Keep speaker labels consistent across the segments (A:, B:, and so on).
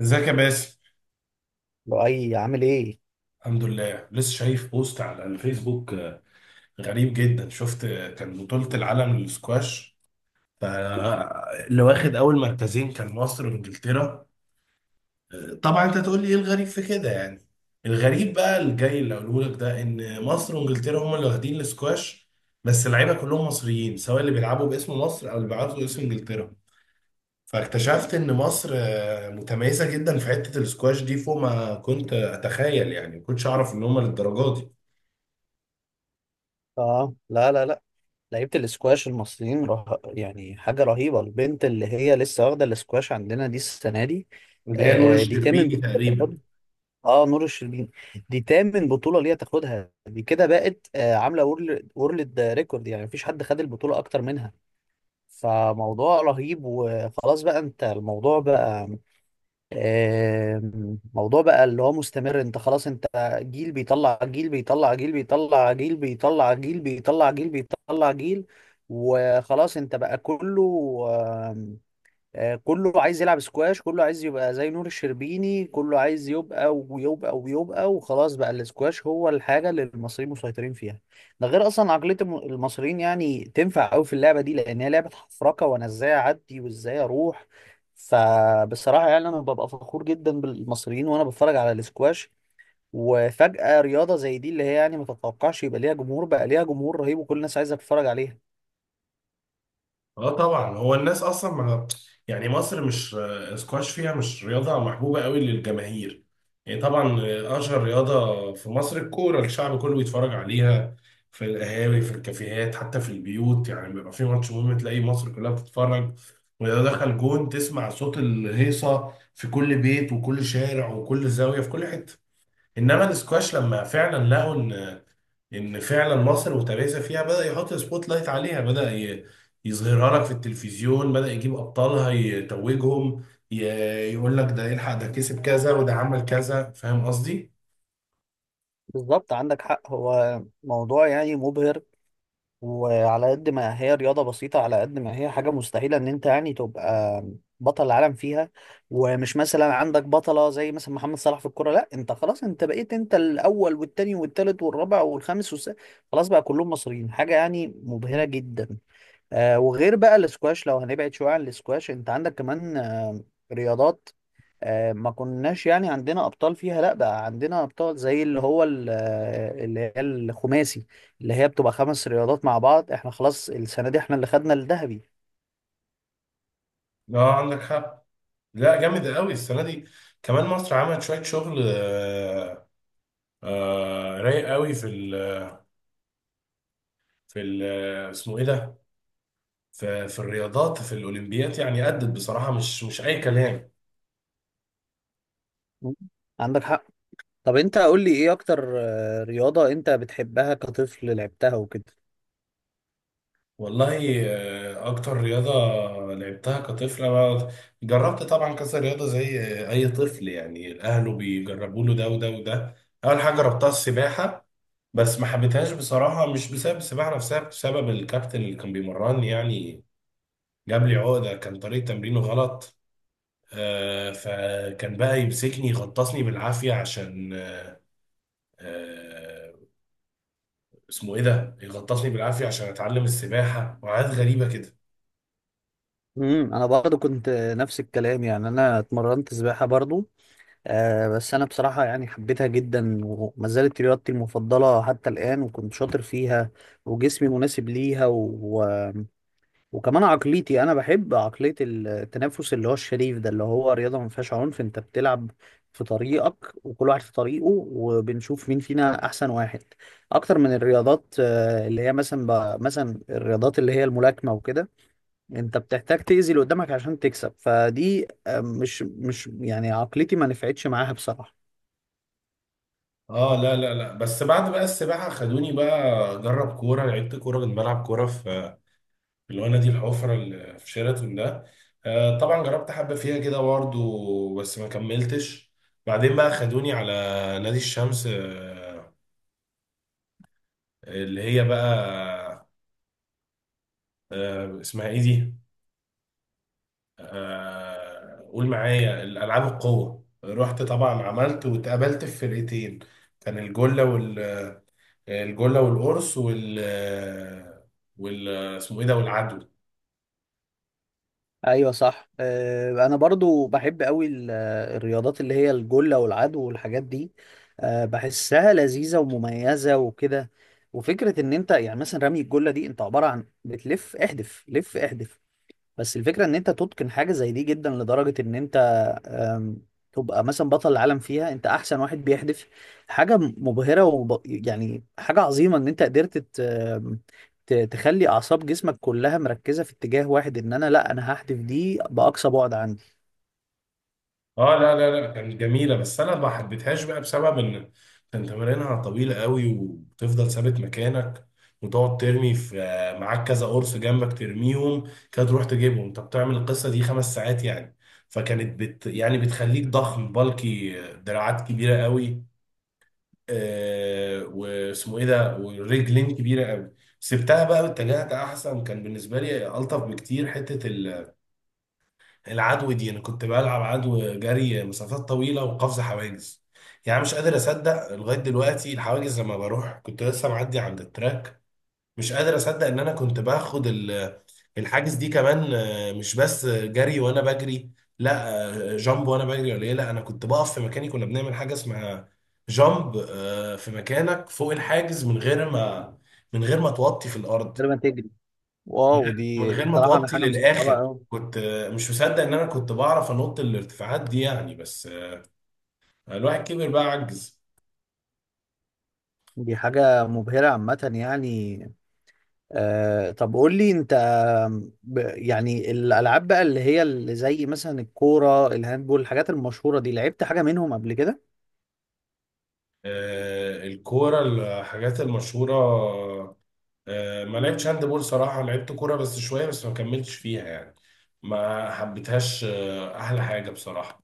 A: ازيك يا باسم؟
B: لؤي، عامل ايه؟
A: الحمد لله. لسه شايف بوست على الفيسبوك، غريب جدا. شفت كان بطولة العالم للسكواش، اللي واخد اول مركزين كان مصر وانجلترا. طبعا انت تقول لي ايه الغريب في كده، يعني الغريب بقى الجاي اللي هقوله لك ده ان مصر وانجلترا هم اللي واخدين السكواش، بس اللعيبه كلهم مصريين، سواء اللي بيلعبوا باسم مصر او اللي بيلعبوا باسم انجلترا. فاكتشفت ان مصر متميزه جدا في حته السكواش دي، فوق ما كنت اتخيل. يعني ما كنتش اعرف ان هم للدرجه دي.
B: اه، لا لا لا. لعيبة الاسكواش المصريين يعني حاجة رهيبة. البنت اللي هي لسه واخدة الاسكواش عندنا دي السنة دي،
A: اللي هي نور
B: دي تامن
A: الشربيني
B: بطولة
A: تقريبا.
B: تاخدها. اه، نور الشربيني، دي تامن بطولة ليها تاخدها. دي كده بقت عاملة وورلد ريكورد، يعني مفيش حد خد البطولة أكتر منها. فموضوع رهيب. وخلاص بقى، انت الموضوع بقى موضوع بقى اللي هو مستمر. انت خلاص، انت جيل بيطلع جيل بيطلع جيل بيطلع جيل بيطلع جيل بيطلع جيل بيطلع جيل. وخلاص انت بقى كله، كله عايز يلعب سكواش، كله عايز يبقى زي نور الشربيني، كله عايز يبقى ويبقى ويبقى. وخلاص بقى السكواش هو الحاجة اللي المصريين مسيطرين فيها. ده غير أصلا عقلية المصريين، يعني تنفع أوي في اللعبة دي، لأن هي لعبة حفركة وأنا إزاي أعدي وإزاي أروح. فبصراحة يعني أنا ببقى فخور جدا بالمصريين وأنا بتفرج على السكواش. وفجأة رياضة زي دي، اللي هي يعني ما تتوقعش يبقى ليها جمهور، بقى ليها جمهور رهيب وكل الناس عايزة تتفرج عليها.
A: اه، طبعا هو الناس اصلا ما، يعني مصر مش، سكواش فيها مش رياضه محبوبه قوي للجماهير. يعني طبعا اشهر رياضه في مصر الكوره، الشعب كله بيتفرج عليها في القهاوي، في الكافيهات، حتى في البيوت. يعني بيبقى في ماتش مهم، تلاقي مصر كلها بتتفرج. واذا دخل جون تسمع صوت الهيصه في كل بيت وكل شارع وكل زاويه في كل حته. انما السكواش لما فعلا لقوا ان فعلا مصر وتميزها فيها، بدأ يحط سبوت لايت عليها، يظهرها لك في التلفزيون، بدأ يجيب ابطالها يتوجهم، ي- يقول لك ده يلحق ده كسب كذا وده عمل كذا. فاهم قصدي؟
B: بالظبط، عندك حق. هو موضوع يعني مبهر. وعلى قد ما هي رياضة بسيطة، على قد ما هي حاجة مستحيلة ان انت يعني تبقى بطل العالم فيها. ومش مثلا عندك بطلة زي مثلا محمد صلاح في الكرة، لا انت خلاص، انت بقيت انت الاول والتاني والتالت والرابع والخامس والسادس. خلاص بقى كلهم مصريين، حاجة يعني مبهرة جدا. آه، وغير بقى الاسكواش، لو هنبعد شوية عن الاسكواش، انت عندك كمان رياضات، ما كناش يعني عندنا ابطال فيها، لا بقى عندنا ابطال زي اللي هو اللي هي الخماسي، اللي هي بتبقى خمس رياضات مع بعض. احنا خلاص السنة دي احنا اللي خدنا الذهبي.
A: اه، عندك حق. لا، جامد قوي السنه دي. كمان مصر عملت شويه شغل، رايق قوي في ال اسمه ايه ده؟ في في الرياضات في الاولمبيات. يعني أدت بصراحه، مش اي كلام.
B: مم. عندك حق. طب انت قول لي، ايه اكتر رياضة انت بتحبها كطفل لعبتها وكده؟
A: والله أكتر رياضة لعبتها كطفل، أنا جربت طبعا كذا رياضة، زي أي طفل يعني أهله بيجربوا له ده وده وده. أول حاجة جربتها السباحة، بس ما حبيتهاش بصراحة. مش بسبب السباحة نفسها، بسبب الكابتن اللي كان بيمرني. يعني جاب لي عقدة، كان طريقة تمرينه غلط. فكان بقى يمسكني يغطسني بالعافية عشان آه، اسمه إيه ده، يغطسني بالعافية عشان أتعلم السباحة، وحاجات غريبة كده.
B: انا برضو كنت نفس الكلام، يعني انا اتمرنت سباحة برضو. بس أنا بصراحة يعني حبيتها جدا، وما زالت رياضتي المفضلة حتى الآن، وكنت شاطر فيها وجسمي مناسب ليها وكمان عقليتي أنا بحب عقلية التنافس اللي هو الشريف ده، اللي هو رياضة ما فيهاش عنف. أنت بتلعب في طريقك وكل واحد في طريقه، وبنشوف مين فينا أحسن واحد. أكتر من الرياضات اللي هي مثلا مثلا الرياضات اللي هي الملاكمة وكده، أنت بتحتاج تأذي اللي قدامك عشان تكسب، فدي مش يعني عقليتي، ما نفعتش معاها بصراحة.
A: اه لا لا لا، بس بعد بقى السباحه خدوني بقى اجرب كوره. لعبت كوره، كنت بلعب كوره في الوانا دي، الحفره اللي في شيراتون ده. آه، طبعا جربت حبه فيها كده برضه، بس ما كملتش. بعدين بقى خدوني على نادي الشمس، آه، اللي هي بقى آه، اسمها ايه دي، آه قول معايا، الالعاب القوه. رحت طبعا، عملت واتقابلت في فرقتين، كان الجله، الجله والقرص وال، وال اسمه ايه ده، والعدو.
B: ايوه صح. انا برضو بحب قوي الرياضات اللي هي الجله والعدو والحاجات دي. بحسها لذيذه ومميزه وكده. وفكره ان انت يعني مثلا رمي الجله دي، انت عباره عن بتلف احدف، لف احدف. بس الفكرة ان انت تتقن حاجة زي دي جدا، لدرجة ان انت أم، تبقى مثلا بطل العالم فيها، انت احسن واحد بيحدف. حاجة مبهرة، يعني حاجة عظيمة ان انت قدرت تخلي اعصاب جسمك كلها مركزة في اتجاه واحد، ان انا لا، انا هحدف دي باقصى بعد عندي.
A: اه لا لا لا، كانت جميله بس انا ما حبيتهاش بقى، بسبب ان كان تمارينها طويله قوي، وتفضل ثابت مكانك وتقعد ترمي في، معاك كذا قرص جنبك ترميهم كده، تروح تجيبهم، انت بتعمل القصه دي 5 ساعات يعني. فكانت بت يعني بتخليك ضخم بالكي، دراعات كبيره قوي، آه واسمه ايه ده، ورجلين كبيره قوي. سبتها بقى واتجهت، احسن كان بالنسبه لي الطف بكتير، حته العدو دي. انا كنت بلعب عدو، جري مسافات طويله وقفز حواجز. يعني مش قادر اصدق لغايه دلوقتي الحواجز، لما بروح كنت لسه معدي عند التراك، مش قادر اصدق ان انا كنت باخد الحاجز دي. كمان مش بس جري وانا بجري، لا، جامب وانا بجري ولا ايه؟ لا انا كنت بقف في مكاني، كنا بنعمل حاجه اسمها جامب، في مكانك فوق الحاجز، من غير ما، من غير ما توطي في الارض.
B: غير ما تجري،
A: من
B: واو،
A: غير من
B: دي
A: غير ما
B: بصراحة انا
A: توطي
B: حاجة مستصعبة
A: للاخر.
B: قوي.
A: كنت مش مصدق ان انا كنت بعرف انط الارتفاعات دي يعني، بس الواحد كبر بقى عجز.
B: دي حاجة مبهرة عامة يعني. طب قول لي انت، يعني الالعاب بقى اللي هي اللي زي مثلا الكوره، الهاندبول، الحاجات المشهوره دي، لعبت حاجه منهم قبل كده؟
A: الكوره، الحاجات المشهوره، ما لعبتش هاند بول صراحة. لعبت كورة بس شوية، بس ما كملتش فيها يعني، ما حبيتهاش. أحلى حاجة بصراحة.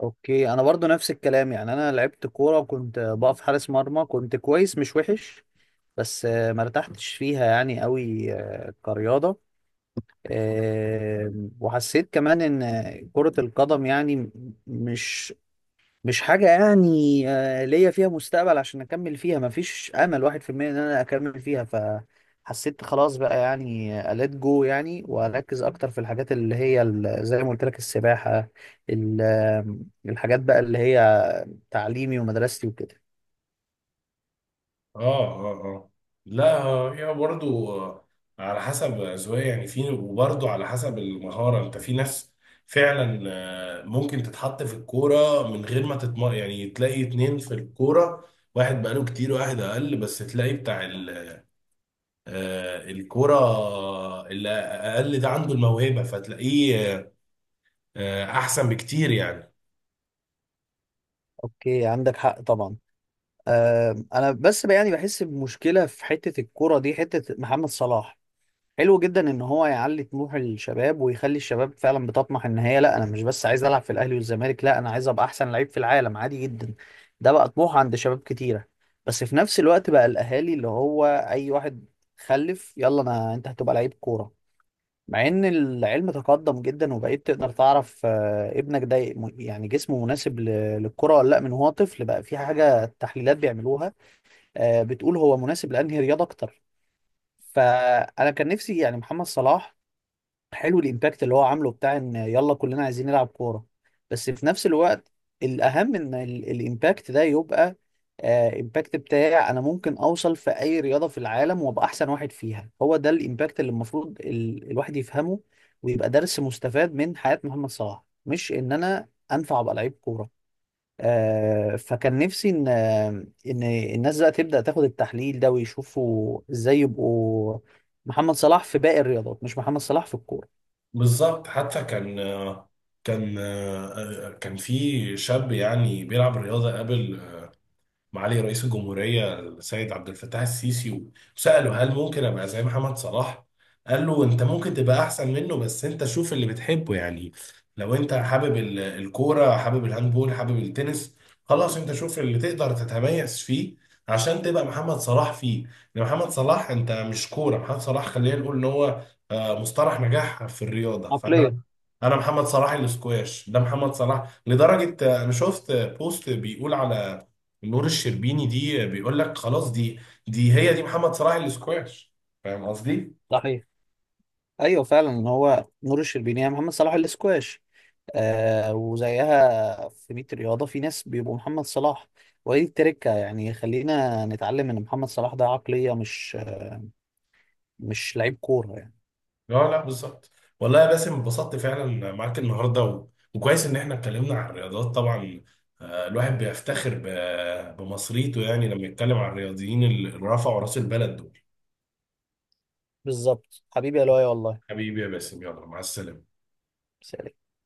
B: اوكي. انا برضو نفس الكلام، يعني انا لعبت كوره وكنت بقف حارس مرمى، كنت كويس مش وحش. بس ما ارتحتش فيها يعني قوي كرياضه. آه، وحسيت كمان ان كره القدم يعني مش مش حاجة يعني ليا فيها مستقبل عشان أكمل فيها، مفيش أمل واحد في المية إن أنا أكمل فيها. فحسيت خلاص بقى يعني، أليت جو يعني وأركز أكتر في الحاجات اللي هي زي ما قلت لك السباحة، ال- آم، الحاجات بقى اللي هي تعليمي ومدرستي وكده.
A: اه اه اه، لا هي برضو على حسب أذواق يعني، في وبرضو على حسب المهارة. انت في ناس فعلا ممكن تتحط في الكورة من غير ما تتم، يعني تلاقي اتنين في الكورة، واحد بقاله كتير وواحد أقل، بس تلاقي بتاع الكورة اللي أقل ده عنده الموهبة، فتلاقيه احسن بكتير يعني.
B: أوكي، عندك حق طبعا. أنا بس بقى يعني بحس بمشكلة في حتة الكرة دي، حتة محمد صلاح. حلو جدا ان هو يعلي طموح الشباب، ويخلي الشباب فعلا بتطمح ان هي لا، انا مش بس عايز العب في الاهلي والزمالك، لا انا عايز ابقى احسن لعيب في العالم عادي جدا. ده بقى طموح عند شباب كتيره. بس في نفس الوقت بقى، الاهالي اللي هو اي واحد خلف، يلا انا انت هتبقى لعيب كوره. مع ان العلم تقدم جدا، وبقيت تقدر تعرف ابنك ده يعني جسمه مناسب للكره ولا لا، من هو طفل. بقى في حاجه تحليلات بيعملوها بتقول هو مناسب لانهي رياضه اكتر. فانا كان نفسي يعني محمد صلاح، حلو الامباكت اللي هو عامله، بتاع ان يلا كلنا عايزين نلعب كوره. بس في نفس الوقت، الاهم ان الامباكت ده يبقى امباكت بتاعي انا، ممكن اوصل في اي رياضه في العالم وابقى احسن واحد فيها. هو ده الامباكت اللي المفروض الواحد يفهمه ويبقى درس مستفاد من حياه محمد صلاح، مش ان انا انفع ابقى لعيب كوره. فكان نفسي ان ان الناس بقى تبدا تاخد التحليل ده، ويشوفوا ازاي يبقوا محمد صلاح في باقي الرياضات، مش محمد صلاح في الكوره.
A: بالظبط. حتى كان كان آه، كان في شاب يعني بيلعب رياضه قبل معالي رئيس الجمهورية السيد عبد الفتاح السيسي، وسأله هل ممكن أبقى زي محمد صلاح؟ قال له أنت ممكن تبقى أحسن منه، بس أنت شوف اللي بتحبه. يعني لو أنت حابب الكورة، حابب الهاندبول، حابب التنس، خلاص أنت شوف اللي تقدر تتميز فيه عشان تبقى محمد صلاح فيه. لأن محمد صلاح أنت مش كورة محمد صلاح، خلينا نقول إن هو مصطلح نجاح في الرياضة. فأنا
B: عقلية.
A: أنا محمد صلاح الاسكواش ده محمد صلاح، لدرجة أنا شفت بوست بيقول على نور الشربيني دي، بيقول لك خلاص دي، دي هي محمد صلاح الاسكواش. فاهم قصدي؟
B: صحيح. ايوه فعلا هو نور الشربيني يا محمد صلاح الاسكواش. آه، وزيها في 100 رياضة، في ناس بيبقوا محمد صلاح. ودي التركة، يعني خلينا نتعلم ان محمد صلاح ده عقلية، مش لعيب كورة يعني.
A: لا لا، بالظبط. والله يا باسم اتبسطت فعلا معاك النهارده، و... وكويس ان احنا اتكلمنا عن الرياضات. طبعا الواحد بيفتخر ب، بمصريته، يعني لما يتكلم عن الرياضيين اللي رفعوا راس البلد دول.
B: بالظبط حبيبي يا لؤي والله.
A: حبيبي يا باسم، يلا مع السلامة.
B: سلام.